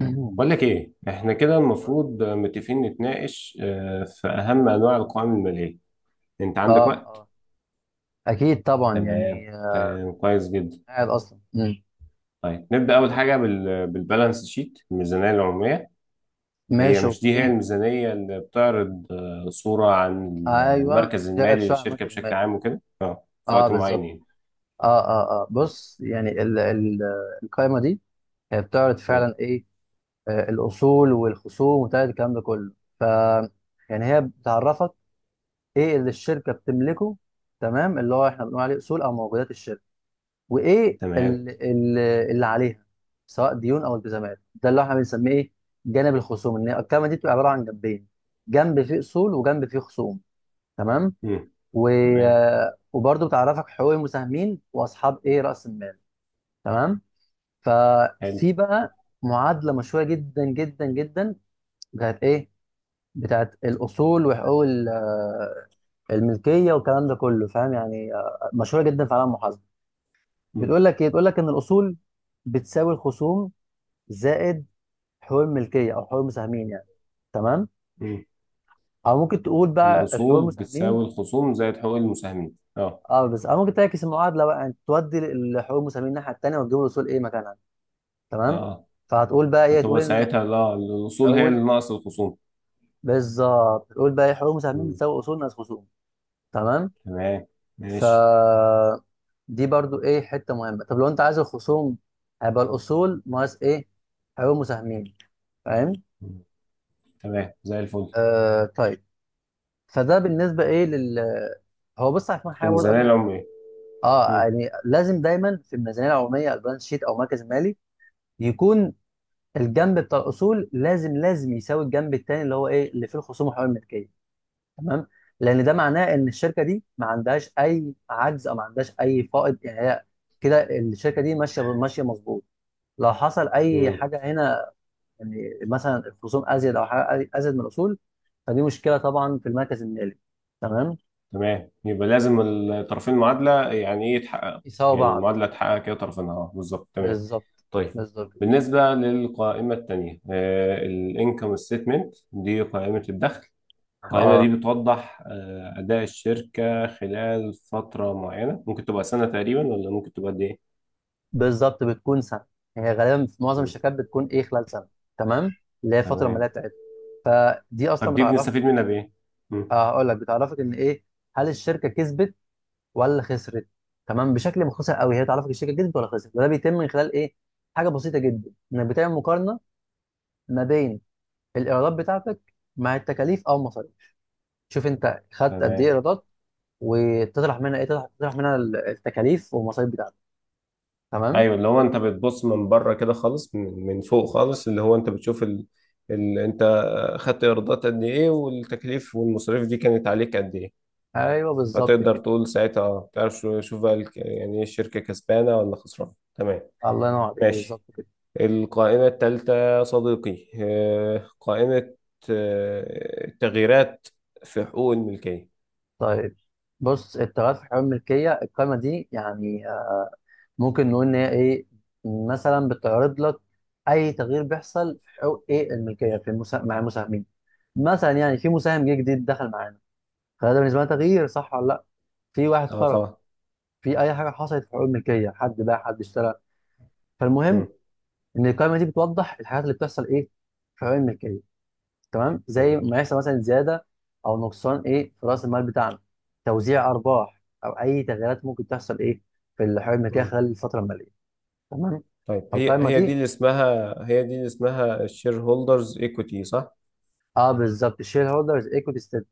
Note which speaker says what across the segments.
Speaker 1: مم.
Speaker 2: بقول لك ايه، احنا كده
Speaker 1: اه
Speaker 2: المفروض متفقين نتناقش في اهم انواع القوائم الماليه. انت عندك وقت؟
Speaker 1: اه اكيد طبعا
Speaker 2: تمام،
Speaker 1: يعني
Speaker 2: تمام، كويس جدا.
Speaker 1: قاعد اصلا
Speaker 2: طيب، نبدا اول حاجه بالبالانس شيت، الميزانيه العموميه. هي
Speaker 1: ماشي
Speaker 2: مش دي هي
Speaker 1: اوكي.
Speaker 2: الميزانيه اللي بتعرض صوره عن
Speaker 1: ايوه،
Speaker 2: المركز
Speaker 1: بتاعت
Speaker 2: المالي
Speaker 1: سؤال عن
Speaker 2: للشركه
Speaker 1: مركز
Speaker 2: بشكل
Speaker 1: المال.
Speaker 2: عام وكده في
Speaker 1: اه
Speaker 2: وقت معين
Speaker 1: بالظبط.
Speaker 2: يعني.
Speaker 1: اه بص، يعني ال ال القائمه دي هي بتعرض
Speaker 2: مم.
Speaker 1: فعلا ايه؟ الاصول والخصوم وبتاع الكلام ده كله. ف يعني هي بتعرفك ايه اللي الشركه بتملكه، تمام، اللي هو احنا بنقول عليه اصول او موجودات الشركه، وايه
Speaker 2: تمام.
Speaker 1: اللي عليها سواء ديون او التزامات، ده اللي احنا بنسميه ايه، جانب الخصوم. ان هي الكلمه دي بتبقى عباره عن جنبين، جنب فيه اصول وجنب فيه خصوم. تمام.
Speaker 2: مم.
Speaker 1: و...
Speaker 2: تمام،
Speaker 1: وبرضه بتعرفك حقوق المساهمين واصحاب ايه، راس المال. تمام.
Speaker 2: حلو.
Speaker 1: ففي بقى معادله مشهوره جدا جدا جدا، بتاعت ايه، بتاعت الاصول وحقوق الملكيه والكلام ده كله، فاهم؟ يعني مشهوره جدا في عالم المحاسبه.
Speaker 2: مم.
Speaker 1: بتقول لك ايه، بتقول لك ان الاصول بتساوي الخصوم زائد حقوق الملكيه او حقوق المساهمين يعني. تمام.
Speaker 2: مم.
Speaker 1: او ممكن تقول بقى الحقوق
Speaker 2: الاصول
Speaker 1: المساهمين.
Speaker 2: بتساوي الخصوم زائد حقوق المساهمين، اه.
Speaker 1: اه بس او ممكن تعكس المعادله بقى، يعني تودي الحقوق المساهمين الناحيه التانيه وتجيب الاصول ايه مكانها. تمام.
Speaker 2: اه،
Speaker 1: فهتقول بقى ايه، تقول
Speaker 2: هتبقى
Speaker 1: ان
Speaker 2: ساعتها، لا، الأصول هي اللي
Speaker 1: اول،
Speaker 2: ناقص الخصوم.
Speaker 1: بالظبط، تقول بقى ايه، حقوق المساهمين
Speaker 2: مم.
Speaker 1: بتساوي اصول ناقص خصوم. تمام.
Speaker 2: تمام.
Speaker 1: ف
Speaker 2: ماشي.
Speaker 1: دي برضو ايه، حته مهمه. طب لو انت عايز الخصوم، هيبقى الاصول ناقص ايه، حقوق المساهمين. فاهم؟
Speaker 2: مم. تمام زي الفل.
Speaker 1: آه طيب. فده بالنسبه ايه لل، هو بص عشان حاجه برضه قبل
Speaker 2: الميزانية
Speaker 1: ما نكمل.
Speaker 2: العمرية.
Speaker 1: اه
Speaker 2: مم.
Speaker 1: يعني لازم دايما في الميزانيه العموميه او البالانس شيت او مركز مالي، يكون الجنب بتاع الاصول لازم لازم يساوي الجنب الثاني اللي هو ايه، اللي فيه الخصوم وحقوق الملكيه. تمام. لان ده معناه ان الشركه دي ما عندهاش اي عجز او ما عندهاش اي فائض، يعني هي كده الشركه دي ماشيه ماشيه مظبوط. لو حصل اي
Speaker 2: مم.
Speaker 1: حاجه هنا، يعني مثلا الخصوم ازيد او حاجه ازيد من الاصول، فدي مشكله طبعا في المركز المالي. تمام،
Speaker 2: تمام، يبقى لازم الطرفين المعادلة يعني إيه يتحقق.
Speaker 1: يساوي
Speaker 2: يعني
Speaker 1: بعض.
Speaker 2: المعادلة تحقق كده طرفينها، أه، بالظبط، تمام.
Speaker 1: بالظبط.
Speaker 2: طيب،
Speaker 1: بالظبط كده.
Speaker 2: بالنسبة للقائمة التانية، الانكم ستيتمنت، دي قائمة الدخل. القائمة دي
Speaker 1: اه
Speaker 2: بتوضح أداء الشركة خلال فترة معينة، ممكن تبقى سنة تقريبا ولا ممكن تبقى قد إيه؟
Speaker 1: بالظبط بتكون سنه، هي غالبا في معظم
Speaker 2: مم.
Speaker 1: الشركات بتكون ايه، خلال سنه. تمام، اللي هي الفتره الماليه
Speaker 2: تمام.
Speaker 1: بتاعتها. فدي اصلا
Speaker 2: طب دي
Speaker 1: بتعرفك،
Speaker 2: بنستفيد منها بايه؟ مم.
Speaker 1: هقول لك، بتعرفك ان ايه، هل الشركه كسبت ولا خسرت. تمام، بشكل مختصر قوي هي بتعرفك الشركه كسبت ولا خسرت، وده بيتم من خلال ايه، حاجه بسيطه جدا، انك بتعمل مقارنه ما بين الايرادات بتاعتك مع التكاليف او المصاريف. شوف انت خدت قد ايه
Speaker 2: تمام.
Speaker 1: ايرادات، وتطرح منها ايه، تطرح منها التكاليف والمصاريف بتاعتك. تمام.
Speaker 2: ايوه، اللي هو انت بتبص من بره كده خالص، من فوق خالص، اللي هو انت بتشوف انت خدت ايرادات قد ايه، والتكاليف والمصاريف دي كانت عليك قد ايه.
Speaker 1: ايوه بالظبط
Speaker 2: فتقدر
Speaker 1: كده.
Speaker 2: تقول ساعتها، تعرف، شوف بقى، يعني ايه، الشركه كسبانه ولا خسرانه. تمام.
Speaker 1: الله ينور عليك،
Speaker 2: ماشي.
Speaker 1: بالظبط كده.
Speaker 2: القائمه الثالثه صديقي، قائمه التغييرات في حقوق الملكيه.
Speaker 1: طيب بص، التغيرات في حمل الملكية، القائمة دي يعني ممكن نقول إن هي إيه، مثلا بتعرض لك أي تغيير بيحصل في حقوق إيه، الملكية في مع المساهمين. مثلا يعني في مساهم جه جديد دخل معانا، فده بالنسبة لنا تغيير صح ولا لأ؟ في واحد
Speaker 2: اه
Speaker 1: خرج،
Speaker 2: طبعا.
Speaker 1: في أي حاجة حصلت في حقوق الملكية، حد باع حد اشترى. فالمهم
Speaker 2: مم.
Speaker 1: إن القائمة دي بتوضح الحاجات اللي بتحصل إيه، في حقوق الملكية. تمام، زي
Speaker 2: مم.
Speaker 1: ما يحصل مثلا زياده او نقصان ايه، في راس المال بتاعنا، توزيع ارباح او اي تغييرات ممكن تحصل ايه، في الحوالي الملكيه
Speaker 2: مم.
Speaker 1: خلال الفتره الماليه. تمام.
Speaker 2: طيب، هي
Speaker 1: فالقائمه
Speaker 2: هي دي
Speaker 1: دي،
Speaker 2: اللي اسمها، الشير هولدرز ايكوتي، صح؟
Speaker 1: اه بالظبط، الشير هولدرز ايكوتي ستيت،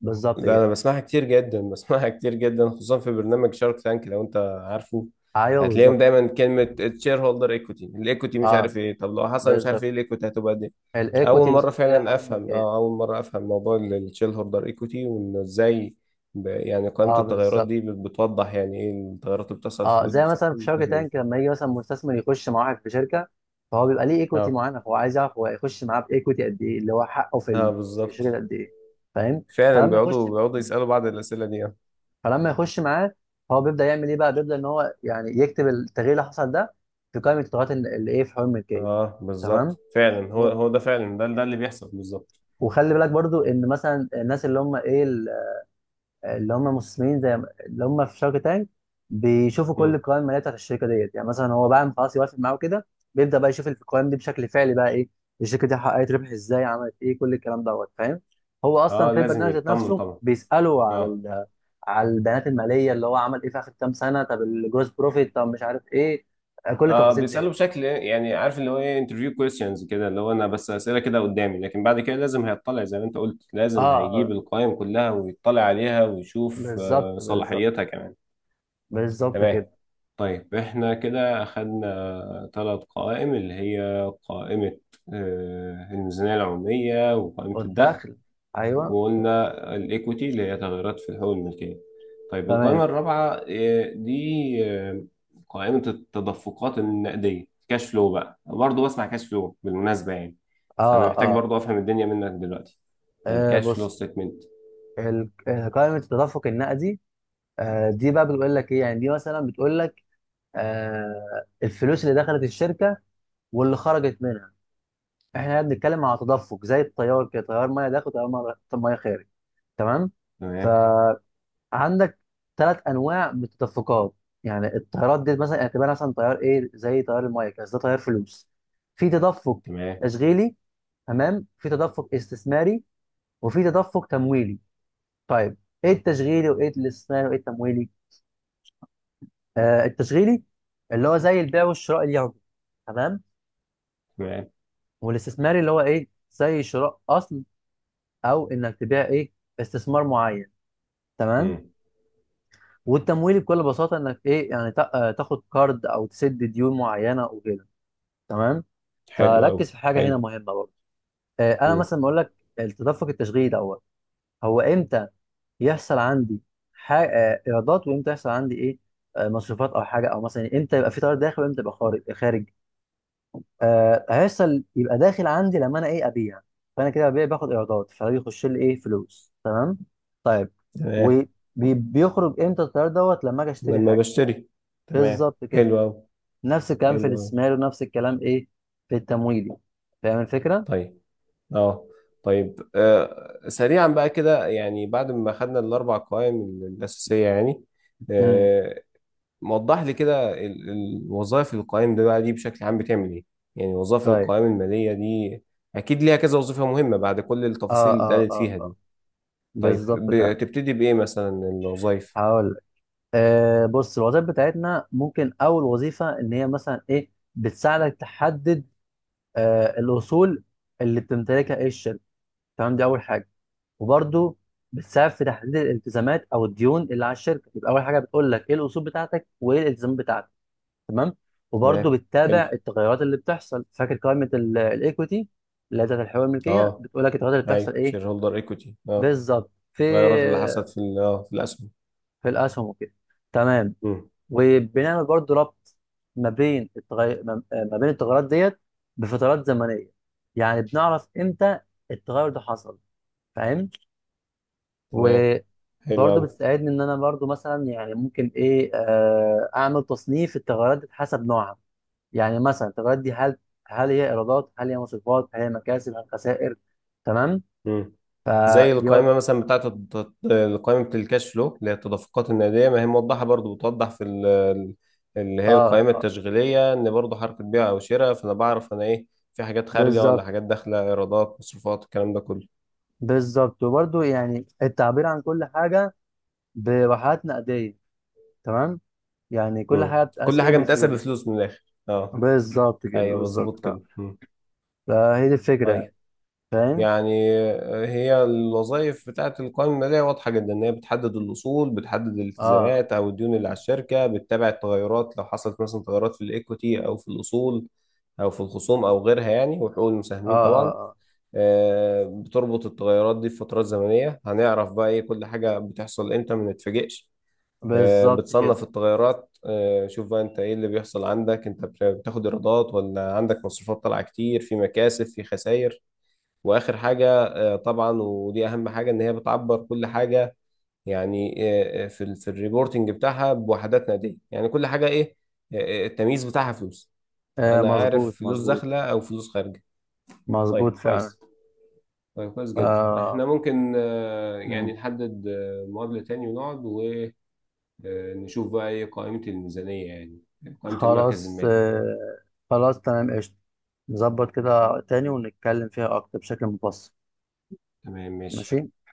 Speaker 1: بالظبط
Speaker 2: ده انا
Speaker 1: كده.
Speaker 2: بسمعها كتير جدا بسمعها كتير جدا، خصوصا في برنامج شارك تانك، لو انت عارفه.
Speaker 1: ايوه
Speaker 2: هتلاقيهم
Speaker 1: بالظبط.
Speaker 2: دايما كلمة الشير هولدر ايكوتي، الايكوتي مش
Speaker 1: اه
Speaker 2: عارف ايه، طب لو حصل مش عارف
Speaker 1: بالظبط،
Speaker 2: ايه الايكوتي هتبقى دي. اول
Speaker 1: الايكوتي
Speaker 2: مرة
Speaker 1: بالظبط اللي هي
Speaker 2: فعلا
Speaker 1: حقوق
Speaker 2: افهم،
Speaker 1: الملكيه.
Speaker 2: اول مرة افهم موضوع الشير هولدر ايكوتي، وانه ازاي يعني قائمة
Speaker 1: اه
Speaker 2: التغيرات
Speaker 1: بالظبط.
Speaker 2: دي بتوضح يعني ايه التغيرات اللي بتحصل في
Speaker 1: اه، زي
Speaker 2: في
Speaker 1: مثلا في شركه تانك،
Speaker 2: الفاهمين.
Speaker 1: لما يجي مثلا مستثمر يخش مع واحد في شركه، فهو بيبقى ليه ايكوتي
Speaker 2: اه،
Speaker 1: معينه، هو عايز يعرف هو هيخش معاه بايكوتي قد ايه، اللي هو حقه في
Speaker 2: اه،
Speaker 1: في
Speaker 2: بالظبط
Speaker 1: الشركه قد ايه. فاهم؟
Speaker 2: فعلا.
Speaker 1: فلما يخش
Speaker 2: بيقعدوا يسألوا بعض الأسئلة دي.
Speaker 1: فلما يخش معاه، هو بيبدا يعمل ايه بقى، بيبدا ان هو يعني يكتب التغيير اللي حصل ده في قائمه التغيرات اللي ايه، في حوار الملكيه.
Speaker 2: اه
Speaker 1: تمام.
Speaker 2: بالظبط فعلا، هو
Speaker 1: و-
Speaker 2: هو ده فعلا، ده اللي بيحصل بالظبط.
Speaker 1: وخلي بالك برضو ان مثلا الناس اللي هم ايه، اللي هم مسلمين زي اللي هم في شارك تانك، بيشوفوا كل
Speaker 2: مم.
Speaker 1: القوائم الماليه بتاعت الشركه ديت، يعني مثلا هو بعد ما خلاص يوافق معاه كده، بيبدا بقى يشوف القوائم دي بشكل فعلي بقى ايه، الشركه دي حققت ربح ازاي، عملت ايه، كل الكلام دوت، فاهم؟ هو اصلا
Speaker 2: اه،
Speaker 1: في
Speaker 2: لازم
Speaker 1: البرنامج ذات
Speaker 2: يطمن
Speaker 1: نفسه
Speaker 2: طبعا،
Speaker 1: بيساله على
Speaker 2: اه.
Speaker 1: على البيانات الماليه، اللي هو عمل ايه في اخر كام سنه، طب الجروس بروفيت، طب مش عارف ايه، كل
Speaker 2: اه،
Speaker 1: التفاصيل
Speaker 2: بيسأله
Speaker 1: ديت.
Speaker 2: بشكل، يعني عارف اللي هو ايه، انترفيو كويستشنز كده، اللي هو انا بس أسئلة كده قدامي، لكن بعد كده لازم هيطلع زي ما انت قلت،
Speaker 1: اه
Speaker 2: لازم هيجيب
Speaker 1: آه،
Speaker 2: القائمة كلها ويطلع عليها ويشوف
Speaker 1: بالظبط بالظبط.
Speaker 2: صلاحيتها كمان.
Speaker 1: بالظبط
Speaker 2: تمام.
Speaker 1: كده.
Speaker 2: طيب، احنا كده اخدنا ثلاث قوائم، اللي هي قائمة الميزانية العمومية، وقائمة الدخل،
Speaker 1: والدخل، ايوه.
Speaker 2: وقلنا الايكويتي اللي هي تغيرات في حقوق الملكيه. طيب، القائمه
Speaker 1: تمام
Speaker 2: الرابعه، دي قائمه التدفقات النقديه، كاش فلو، بقى برضه بسمع كاش فلو بالمناسبه يعني.
Speaker 1: اه
Speaker 2: فانا محتاج
Speaker 1: اه
Speaker 2: برضه افهم الدنيا منك دلوقتي، الكاش فلو
Speaker 1: بص،
Speaker 2: ستيتمنت.
Speaker 1: قائمة التدفق النقدي، دي بقى بتقول لك ايه، يعني دي مثلا بتقول لك الفلوس اللي دخلت الشركة واللي خرجت منها. احنا هنا بنتكلم على تدفق زي التيار كده، تيار ميه داخل، تيار ميه، مية خارج. تمام.
Speaker 2: تمام.
Speaker 1: فعندك ثلاث انواع من التدفقات، يعني التيارات دي مثلا يعني اعتبرها مثلا تيار ايه، زي تيار الميه كده، بس ده تيار فلوس. في تدفق
Speaker 2: تمام.
Speaker 1: تشغيلي، تمام، في تدفق استثماري، وفي تدفق تمويلي. طيب، ايه التشغيلي وايه الاستثماري وايه التمويلي؟ التشغيلي اللي هو زي البيع والشراء اليومي. تمام.
Speaker 2: تمام.
Speaker 1: والاستثماري اللي هو ايه، زي شراء اصل او انك تبيع ايه، استثمار معين. تمام.
Speaker 2: امم.
Speaker 1: والتمويلي بكل بساطه انك ايه يعني تاخد كارد او تسد ديون معينه وكده. تمام.
Speaker 2: حلو قوي،
Speaker 1: فركز في حاجه
Speaker 2: حلو.
Speaker 1: هنا مهمه برضه. انا
Speaker 2: امم.
Speaker 1: مثلا بقول لك التدفق التشغيلي دوت، هو امتى يحصل عندي ايرادات، وامتى يحصل عندي ايه مصروفات او حاجه، او مثلا امتى يبقى في تيار داخل وامتى يبقى خارج. آه هيحصل، يبقى داخل عندي لما انا ايه، ابيع. فانا كده ببيع باخد ايرادات، فبيخش لي ايه، فلوس. تمام. طيب،
Speaker 2: تمام،
Speaker 1: وبيخرج امتى التيار دوت، لما اجي اشتري
Speaker 2: لما
Speaker 1: حاجه.
Speaker 2: بشتري. تمام،
Speaker 1: بالظبط كده.
Speaker 2: حلو قوي.
Speaker 1: نفس الكلام في
Speaker 2: حلو قوي.
Speaker 1: الاستثمار، ونفس الكلام ايه، في التمويل. فاهم الفكره؟
Speaker 2: طيب. اه. طيب، سريعا بقى كده، يعني بعد ما خدنا الاربع قوائم الاساسيه يعني،
Speaker 1: امم
Speaker 2: آه وضح لي كده وظائف القوائم ده بقى، دي بشكل عام بتعمل ايه. يعني وظائف
Speaker 1: طيب.
Speaker 2: القوائم الماليه دي اكيد ليها كذا وظيفه مهمه، بعد كل
Speaker 1: اه
Speaker 2: التفاصيل اللي
Speaker 1: اه
Speaker 2: اتقالت
Speaker 1: اه
Speaker 2: فيها
Speaker 1: اه
Speaker 2: دي. طيب،
Speaker 1: بالظبط فعلا.
Speaker 2: بتبتدي بايه مثلا الوظائف؟
Speaker 1: هقول لك، آه بص، الوظائف بتاعتنا، ممكن اول وظيفه ان هي مثلا ايه، بتساعدك تحدد آه الاصول اللي بتمتلكها ايه، الشركه. تمام، دي اول حاجه. وبرده بتساعد في تحديد الالتزامات او الديون اللي على الشركه. يبقى اول حاجه بتقول لك ايه الاصول بتاعتك وايه الالتزامات بتاعتك. تمام. وبرده
Speaker 2: تمام،
Speaker 1: بتتابع
Speaker 2: حلو.
Speaker 1: التغيرات اللي بتحصل، فاكر قائمه الايكويتي اللي هي بتاعت الحقوق الملكيه،
Speaker 2: اه،
Speaker 1: بتقول لك التغيرات اللي بتحصل
Speaker 2: ايوه،
Speaker 1: ايه،
Speaker 2: شير هولدر ايكوتي، اه.
Speaker 1: بالظبط، في
Speaker 2: التغيرات اللي حصلت في في الاسهم.
Speaker 1: في الاسهم وكده. تمام.
Speaker 2: مم.
Speaker 1: وبنعمل برضه ربط ما بين التغير، ما بين التغيرات ديت بفترات زمنيه، يعني بنعرف امتى التغير ده حصل. فاهم؟
Speaker 2: تمام، حلو
Speaker 1: وبرضه
Speaker 2: قوي.
Speaker 1: بتساعدني ان انا برضه مثلا يعني ممكن ايه، اعمل تصنيف التغيرات دي حسب نوعها، يعني مثلا التغيرات دي هل، هل هي ايرادات، هل هي مصروفات، هل هي مكاسب، هل خسائر. تمام.
Speaker 2: مم. زي
Speaker 1: دي برضه
Speaker 2: القائمة مثلا بتاعت القائمة بتاع الكاش فلو، اللي هي التدفقات النقدية، ما هي موضحة، برضو بتوضح في اللي هي
Speaker 1: اه،
Speaker 2: القائمة التشغيلية، إن برضو حركة بيع أو شراء، فأنا بعرف أنا إيه، في حاجات خارجة ولا
Speaker 1: بالظبط
Speaker 2: حاجات داخلة، إيرادات، مصروفات، الكلام ده كله.
Speaker 1: بالظبط. وبرضه يعني التعبير عن كل حاجه بواحات نقديه. تمام، يعني كل
Speaker 2: مم.
Speaker 1: حاجه بتقاس
Speaker 2: كل
Speaker 1: ايه،
Speaker 2: حاجة متقاسة
Speaker 1: بالفلوس.
Speaker 2: بفلوس من الآخر، أه.
Speaker 1: بالظبط كده،
Speaker 2: أيوه،
Speaker 1: بالظبط
Speaker 2: مظبوط
Speaker 1: فعلا.
Speaker 2: كده. مم.
Speaker 1: فهي دي الفكره
Speaker 2: طيب،
Speaker 1: يعني. فاهم؟
Speaker 2: يعني هي الوظائف بتاعت القوائم المالية واضحة جدا، إن هي بتحدد الأصول، بتحدد
Speaker 1: اه
Speaker 2: الالتزامات أو الديون اللي على الشركة، بتتابع التغيرات لو حصلت مثلا تغيرات في الإيكويتي أو في الأصول أو في الخصوم أو غيرها يعني، وحقوق
Speaker 1: اه
Speaker 2: المساهمين
Speaker 1: اه,
Speaker 2: طبعا.
Speaker 1: آه.
Speaker 2: بتربط التغيرات دي بفترات زمنية، هنعرف بقى إيه كل حاجة بتحصل إمتى ما نتفاجئش.
Speaker 1: بالظبط كده.
Speaker 2: بتصنف التغيرات، شوف بقى انت ايه اللي بيحصل عندك، انت بتاخد ايرادات ولا عندك مصروفات طالعه كتير، في مكاسب في خسائر. واخر حاجه، طبعا ودي اهم حاجه، ان هي بتعبر كل حاجه، يعني في في الريبورتنج بتاعها بوحدات نقديه، يعني كل حاجه ايه، التمييز بتاعها فلوس.
Speaker 1: آه
Speaker 2: انا عارف
Speaker 1: مظبوط
Speaker 2: فلوس
Speaker 1: مظبوط.
Speaker 2: داخله او فلوس خارجه. طيب،
Speaker 1: مظبوط فعلا.
Speaker 2: كويس. طيب كويس جدا،
Speaker 1: آه.
Speaker 2: احنا ممكن يعني
Speaker 1: مم.
Speaker 2: نحدد مقابله تاني، ونقعد ونشوف بقى ايه قائمه الميزانيه يعني، قائمه المركز
Speaker 1: خلاص
Speaker 2: المالي.
Speaker 1: آه، خلاص تمام قشطة. نظبط كده تاني ونتكلم فيها أكتر بشكل مبسط.
Speaker 2: تمام، ماشي.
Speaker 1: ماشي.